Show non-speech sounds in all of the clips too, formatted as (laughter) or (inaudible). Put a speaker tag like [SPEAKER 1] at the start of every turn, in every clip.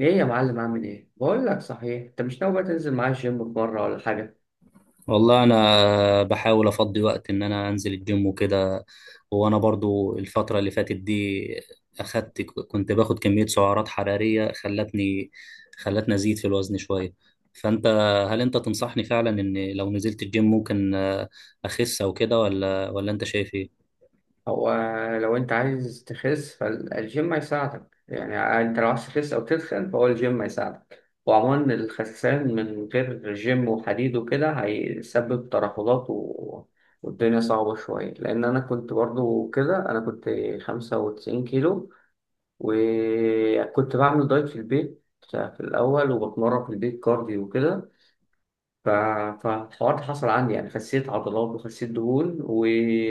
[SPEAKER 1] ايه يا معلم، عامل ايه؟ بقول لك صحيح، انت مش ناوي بقى تنزل معايا الجيم في مره ولا حاجه؟
[SPEAKER 2] والله انا بحاول افضي وقت ان انا انزل الجيم وكده. وانا برضو الفتره اللي فاتت دي اخدت، كنت باخد كميه سعرات حراريه خلتني، ازيد في الوزن شويه. فانت، هل انت تنصحني فعلا ان لو نزلت الجيم ممكن اخس او كده، ولا انت شايف ايه؟
[SPEAKER 1] هو لو انت عايز تخس فالجيم هيساعدك يعني. انت لو عايز تخس او تدخن فهو الجيم هيساعدك. وعموما الخسسان من غير جيم وحديد وكده هيسبب ترهلات والدنيا صعبة شوية. لأن أنا كنت برضو كده، أنا كنت 95 كيلو وكنت بعمل دايت في البيت في الأول وبتمرن في البيت كارديو وكده. ف- فالحوار ده حصل عندي، يعني خسيت عضلات وخسيت دهون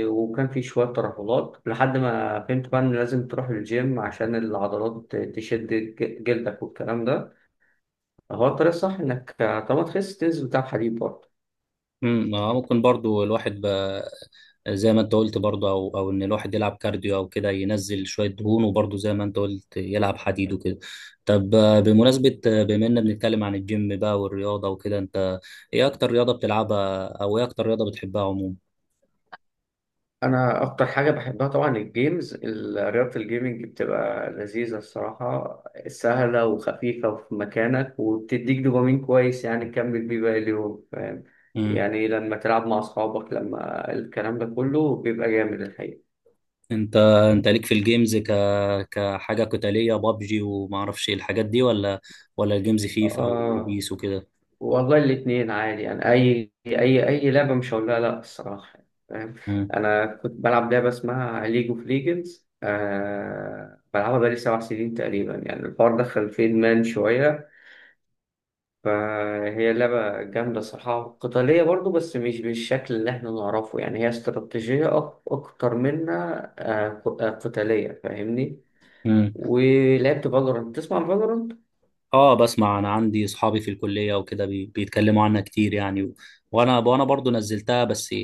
[SPEAKER 1] وكان في شوية ترهلات، لحد ما فهمت بقى إن لازم تروح للجيم عشان العضلات تشد جلدك والكلام ده. هو الطريقة الصح إنك طالما تخس تنزل بتاع حديد برضه.
[SPEAKER 2] ممكن برضو الواحد زي ما انت قلت برضو، او ان الواحد يلعب كارديو او كده، ينزل شويه دهون، وبرضو زي ما انت قلت يلعب حديد وكده. طب بمناسبه بما اننا بنتكلم عن الجيم بقى والرياضه وكده، انت ايه اكتر رياضه بتلعبها، او ايه اكتر رياضه بتحبها عموما؟
[SPEAKER 1] انا اكتر حاجه بحبها طبعا الجيمز، رياضه الجيمنج بتبقى لذيذه الصراحه، سهله وخفيفه وفي مكانك وبتديك دوبامين كويس يعني تكمل بيه باقي اليوم، فاهم؟
[SPEAKER 2] مم.
[SPEAKER 1] يعني لما تلعب مع اصحابك، لما الكلام ده كله بيبقى جامد الحقيقه.
[SPEAKER 2] انت انت ليك في الجيمز كحاجه قتاليه، بابجي وما اعرفش ايه الحاجات دي، ولا الجيمز فيفا
[SPEAKER 1] آه،
[SPEAKER 2] وبيس وكده؟
[SPEAKER 1] والله الاتنين عادي يعني، اي اي لعبه مش هقول لها لا الصراحه، فاهم؟ انا كنت بلعب لعبه اسمها ليج اوف ليجندز، بلعبها بقالي 7 سنين تقريبا. يعني الحوار دخل في ادمان شويه. فهي لعبة جامدة صراحة، قتالية برضو بس مش بالشكل اللي احنا نعرفه، يعني هي استراتيجية أكتر منها، قتالية، فاهمني؟
[SPEAKER 2] مم.
[SPEAKER 1] ولعبت فالورانت. تسمع فالورانت؟
[SPEAKER 2] اه بسمع، انا عندي اصحابي في الكليه وكده بيتكلموا عنها كتير يعني، وانا برضو نزلتها. بس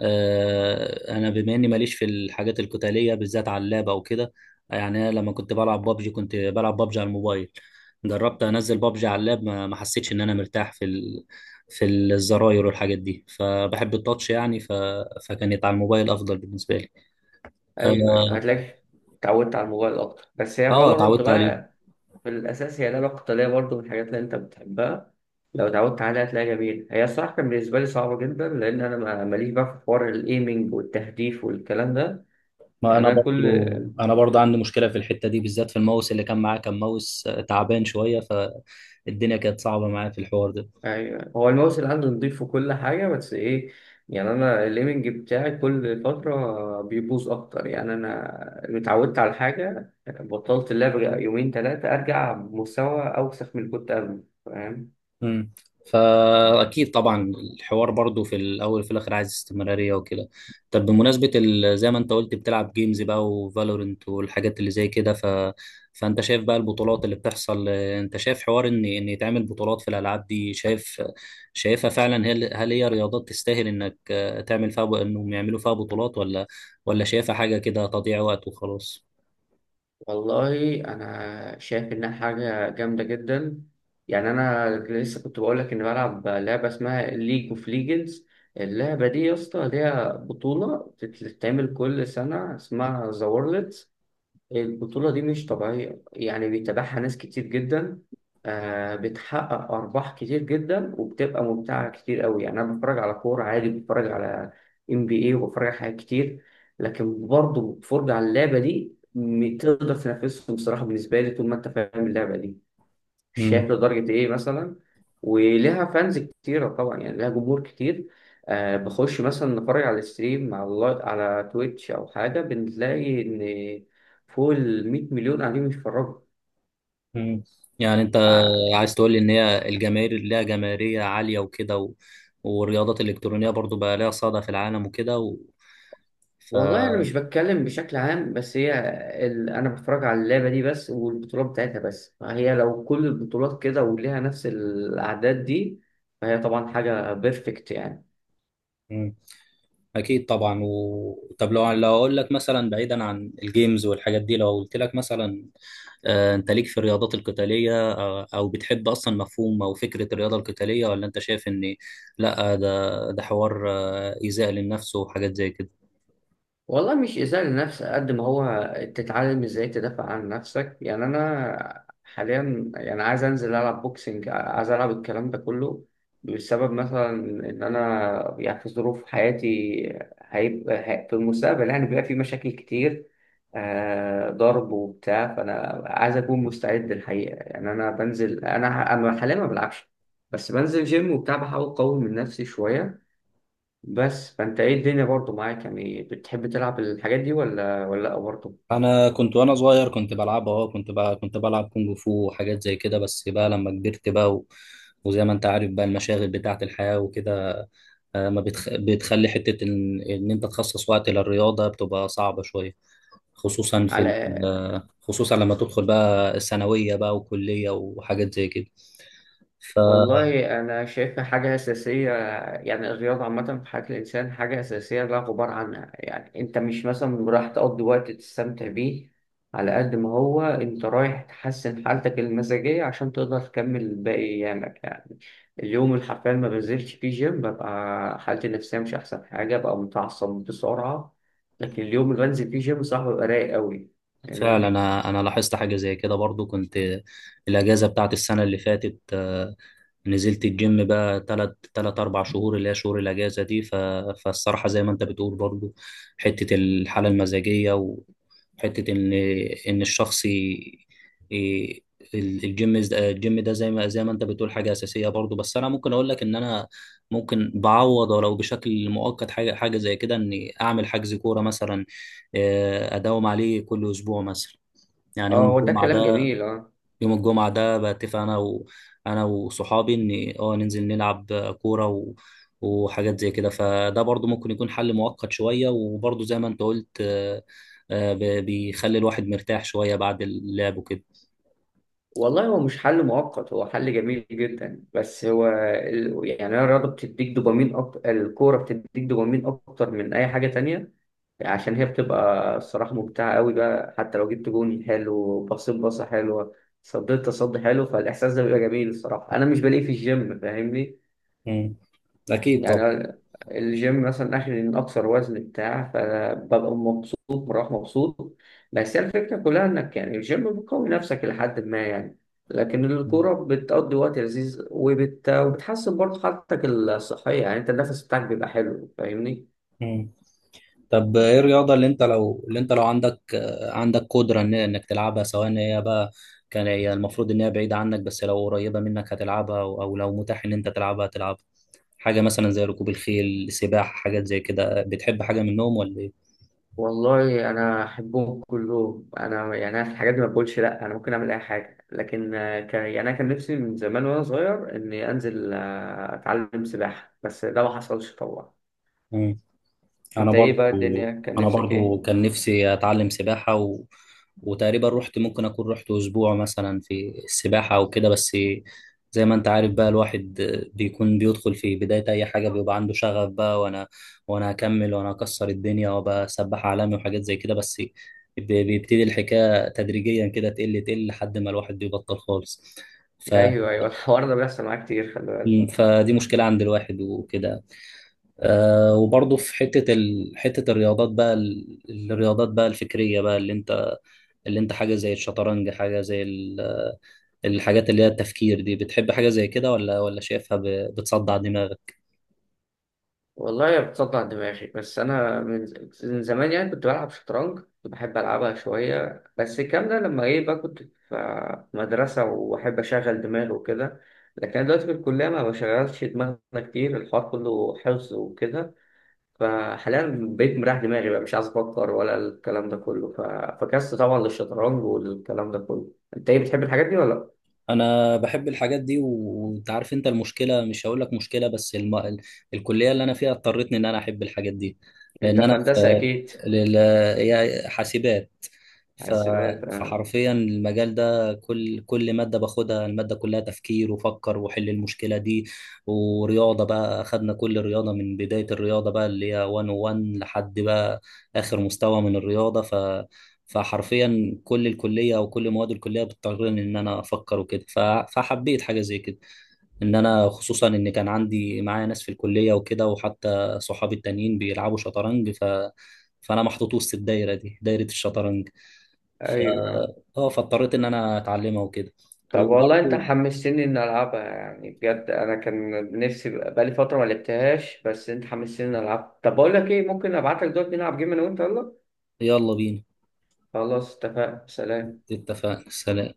[SPEAKER 2] آه انا بما اني ماليش في الحاجات القتاليه بالذات على اللاب او كده، يعني انا لما كنت بلعب بابجي كنت بلعب بابجي على الموبايل. جربت انزل بابجي على اللاب ما حسيتش ان انا مرتاح في في الزراير والحاجات دي، فبحب التاتش يعني، فكانت على الموبايل افضل بالنسبه لي. اه،
[SPEAKER 1] أيوه أيوه، هتلاقيك اتعودت على الموبايل أكتر. بس هي فالورانت
[SPEAKER 2] اتعودت عليه.
[SPEAKER 1] بقى في الأساس هي لعبة قتالية برضو، من الحاجات اللي أنت بتحبها. لو اتعودت عليها هتلاقيها جميلة. هي الصراحة كان بالنسبة لي صعبة جدا، لأن أنا ماليش بقى في حوار الإيمينج والتهديف والكلام ده.
[SPEAKER 2] ما انا
[SPEAKER 1] يعني أنا كل.
[SPEAKER 2] برضو انا برضو عندي مشكله في الحته دي بالذات، في الماوس اللي كان معاه، كان ماوس تعبان شويه، فالدنيا كانت صعبه معاه في الحوار ده.
[SPEAKER 1] ايوه، هو الماوس اللي عندي نضيف وكل حاجه، بس ايه؟ يعني انا الليمنج بتاعي كل فتره بيبوظ اكتر. يعني انا اتعودت على حاجه، بطلت اللعب يومين ثلاثه، ارجع بمستوى اوسخ من اللي كنت قبله، فاهم؟
[SPEAKER 2] امم، فاكيد طبعا الحوار برضو في الاول وفي الاخر عايز استمراريه وكده. طب بمناسبه زي ما انت قلت بتلعب جيمز بقى وفالورنت والحاجات اللي زي كده، فانت شايف بقى البطولات اللي بتحصل، انت شايف حوار ان يتعمل بطولات في الالعاب دي؟ شايف، شايفها فعلا؟ هل هي رياضات تستاهل انك تعمل فيها انهم يعملوا فيها بطولات، ولا شايفها حاجه كده تضييع وقت وخلاص؟
[SPEAKER 1] والله انا شايف انها حاجه جامده جدا. يعني انا لسه كنت بقول لك اني بلعب لعبه اسمها ليج اوف ليجندز. اللعبه دي يا اسطى ليها بطوله بتتعمل كل سنه اسمها ذا وورلد. البطولة دي مش طبيعية، يعني بيتابعها ناس كتير جدا. آه، بتحقق أرباح كتير جدا وبتبقى ممتعة كتير قوي. يعني أنا بتفرج على كورة عادي، بتفرج على ام بي اي وبتفرج على حاجات كتير. لكن برضه الفرجة على اللعبة دي تقدر تنافسهم بصراحة. بالنسبة لي طول ما أنت فاهم اللعبة دي، شاف لدرجة إيه مثلا. ولها فانز كتيرة طبعا، يعني لها جمهور كتير. آه، بخش مثلا نتفرج على الستريم، على تويتش أو حاجة، بنلاقي إن فوق ال 100 مليون قاعدين بيتفرجوا.
[SPEAKER 2] مم. يعني انت
[SPEAKER 1] آه،
[SPEAKER 2] عايز تقول لي ان هي الجماهير اللي ليها جماهيريه عاليه وكده، والرياضات الالكترونيه برضو بقى ليها صدى في العالم وكده و...
[SPEAKER 1] والله أنا
[SPEAKER 2] ف
[SPEAKER 1] مش بتكلم بشكل عام بس هي أنا بتفرج على اللعبة دي بس والبطولات بتاعتها بس. فهي لو كل البطولات كده وليها نفس الأعداد دي فهي طبعا حاجة بيرفكت يعني.
[SPEAKER 2] مم. اكيد طبعا. طب لو اقول لك مثلا، بعيدا عن الجيمز والحاجات دي، لو قلت لك مثلا انت ليك في الرياضات القتاليه، او بتحب اصلا مفهوم او فكره الرياضه القتاليه، ولا انت شايف ان لا، ده حوار ايذاء للنفس وحاجات زي كده؟
[SPEAKER 1] والله مش إزاء للنفس قد ما هو تتعلم إزاي تدافع عن نفسك. يعني أنا حاليا يعني عايز أنزل ألعب بوكسنج، عايز ألعب الكلام ده كله بسبب مثلا إن أنا يعني في ظروف حياتي هيبقى في المستقبل يعني بيبقى في مشاكل كتير، ضرب وبتاع. فأنا عايز أكون مستعد الحقيقة. يعني أنا بنزل، أنا حاليا ما بلعبش، بس بنزل جيم وبتاع بحاول أقوي من نفسي شوية. بس فانت ايه الدنيا برضو معاك؟ يعني بتحب تلعب الحاجات دي ولا لأ برضو؟
[SPEAKER 2] انا كنت وانا صغير كنت بلعبها، اه كنت بقى كنت بلعب كونج فو وحاجات زي كده، بس بقى لما كبرت بقى وزي ما انت عارف بقى المشاغل بتاعة الحياة وكده، آه، ما بتخ... بتخلي حتة ان انت تخصص وقت للرياضة بتبقى صعبة شوية، خصوصا في
[SPEAKER 1] على
[SPEAKER 2] خصوصا لما تدخل بقى الثانوية بقى وكلية وحاجات زي كده. ففعلا
[SPEAKER 1] والله أنا شايفها حاجة أساسية. يعني الرياضة عامة في حياة الإنسان حاجة أساسية لا غبار عنها. يعني أنت مش مثلا رايح تقضي وقت تستمتع بيه، على قد ما هو أنت رايح تحسن حالتك المزاجية عشان تقدر تكمل باقي أيامك يعني. اليوم اللي حرفيا ما بنزلش فيه جيم ببقى حالتي النفسية مش أحسن حاجة، ببقى متعصب بسرعة. لكن اليوم اللي بنزل فيه جيم صح ببقى رايق أوي، فاهمني؟
[SPEAKER 2] انا لاحظت حاجة زي كده برضو، كنت الاجازة بتاعة السنة اللي فاتت نزلت الجيم بقى تلات أربع شهور اللي هي شهور الأجازة دي، فالصراحة زي ما أنت بتقول برضو، حتة الحالة المزاجية وحتة إن إن الشخص ي... ي- الجيم ده زي ما أنت بتقول حاجة أساسية برضو. بس أنا ممكن أقول لك إن أنا ممكن بعوض ولو بشكل مؤقت حاجة زي كده، إني أعمل حجز كورة مثلا، أداوم عليه كل أسبوع مثلا. يعني
[SPEAKER 1] أه، هو ده كلام جميل، أه.
[SPEAKER 2] يوم الجمعة ده بتفق أنا أنا وصحابي إن آه ننزل نلعب كورة وحاجات زي كده، فده برضو ممكن يكون حل مؤقت شوية. وبرضو زي ما أنت قلت، آه، ب- بيخلي الواحد مرتاح شوية بعد اللعب وكده.
[SPEAKER 1] والله هو مش حل مؤقت، هو حل جميل جدا. بس هو يعني أنا الرياضة بتديك دوبامين أكتر، الكورة بتديك دوبامين أكتر من أي حاجة تانية. عشان هي بتبقى الصراحة ممتعة قوي بقى، حتى لو جبت جون حلو، بصيت بصة حلوة، صديت تصدي حلو، فالإحساس ده بيبقى جميل الصراحة، أنا مش بلاقيه في الجيم، فاهمني؟
[SPEAKER 2] مم. أكيد طبعا.
[SPEAKER 1] يعني الجيم مثلا اخر من اكثر وزن بتاع فببقى مبسوط، بروح مبسوط. بس هي الفكره كلها انك يعني الجيم بتقوي نفسك لحد ما يعني. لكن الكوره بتقضي وقت لذيذ، وبتحسن برضه حالتك الصحيه، يعني انت النفس بتاعك بيبقى حلو، فاهمني؟
[SPEAKER 2] مم. طب إيه الرياضة اللي أنت لو عندك عندك قدرة إنك تلعبها؟ سواء إن هي بقى كان هي المفروض إن هي بعيدة عنك، بس لو قريبة منك هتلعبها، أو لو متاح إن أنت تلعبها تلعبها؟ حاجة مثلا زي ركوب الخيل، سباحة، حاجات زي كده، بتحب حاجة منهم ولا إيه؟
[SPEAKER 1] والله انا احبهم كلهم. انا يعني أنا في الحاجات دي ما بقولش لا، انا ممكن اعمل اي حاجه. لكن يعني انا كان نفسي من زمان وانا صغير اني انزل اتعلم سباحه بس ده ما حصلش طبعا.
[SPEAKER 2] مم. أنا
[SPEAKER 1] انت ايه بقى
[SPEAKER 2] برضو
[SPEAKER 1] الدنيا، كان
[SPEAKER 2] أنا
[SPEAKER 1] نفسك ايه؟
[SPEAKER 2] برضو كان نفسي أتعلم سباحة، وتقريبا رحت، ممكن أكون رحت أسبوع مثلا في السباحة أو كده، بس زي ما أنت عارف بقى الواحد بيكون بيدخل في بداية أي حاجة بيبقى عنده شغف بقى، وأنا هكمل وأنا هكسر الدنيا وأبقى سباح عالمي وحاجات زي كده. بس ب- بيبتدي الحكاية تدريجيا كده، تقل لحد ما الواحد بيبطل خالص. ف...
[SPEAKER 1] ايوه ايوه (laughs) الحوار ده بيحصل معايا كتير، خلي بالك.
[SPEAKER 2] مم. فدي مشكلة عند الواحد وكده. آه، وبرضه في حتة الرياضات بقى الرياضات بقى الفكرية بقى، اللي انت حاجة زي الشطرنج، حاجة زي الحاجات اللي هي التفكير دي، بتحب حاجة زي كده، ولا شايفها بتصدع دماغك؟
[SPEAKER 1] والله بتصدع دماغي. بس انا من من زمان يعني كنت بلعب شطرنج، كنت بحب العبها شويه. بس الكلام ده لما ايه بقى؟ كنت في مدرسه واحب اشغل دماغي وكده. لكن أنا دلوقتي في الكليه ما بشغلش دماغنا كتير، الحوار كله حفظ وكده. فحاليا بقيت مريح دماغي بقى، مش عايز افكر ولا الكلام ده كله. فكست طبعا للشطرنج والكلام ده كله. انت ايه بتحب الحاجات دي ولا لأ؟
[SPEAKER 2] انا بحب الحاجات دي. وانت عارف، انت المشكله، مش هقول لك مشكله بس الكليه اللي انا فيها اضطرتني ان انا احب الحاجات دي،
[SPEAKER 1] انت
[SPEAKER 2] لان انا
[SPEAKER 1] في هندسه
[SPEAKER 2] في
[SPEAKER 1] اكيد.
[SPEAKER 2] لل... هي حاسبات، ف...
[SPEAKER 1] حاسبات، آه.
[SPEAKER 2] فحرفيا المجال ده، كل ماده باخدها الماده كلها تفكير وفكر وحل المشكله دي. ورياضه بقى اخدنا كل رياضه من بدايه الرياضه بقى اللي هي 101 لحد بقى اخر مستوى من الرياضه. فحرفيا كل الكليه او كل مواد الكليه بتضطرني ان انا افكر وكده، فحبيت حاجه زي كده، ان انا خصوصا ان كان عندي معايا ناس في الكليه وكده، وحتى صحابي التانيين بيلعبوا شطرنج، فانا محطوط وسط الدايره دي، دايره الشطرنج. ف
[SPEAKER 1] ايوه.
[SPEAKER 2] اه فاضطريت ان انا اتعلمها وكده.
[SPEAKER 1] طب والله انت
[SPEAKER 2] وبرضه
[SPEAKER 1] حمستني ان العبها يعني، بجد انا كان نفسي بقالي فتره ما لعبتهاش بس انت حمستني ان العبها. طب بقول لك ايه، ممكن ابعت لك دلوقتي نلعب جيم انا وانت؟ يلا.
[SPEAKER 2] يلا بينا.
[SPEAKER 1] خلاص اتفقنا، سلام.
[SPEAKER 2] اتفقنا، سلام.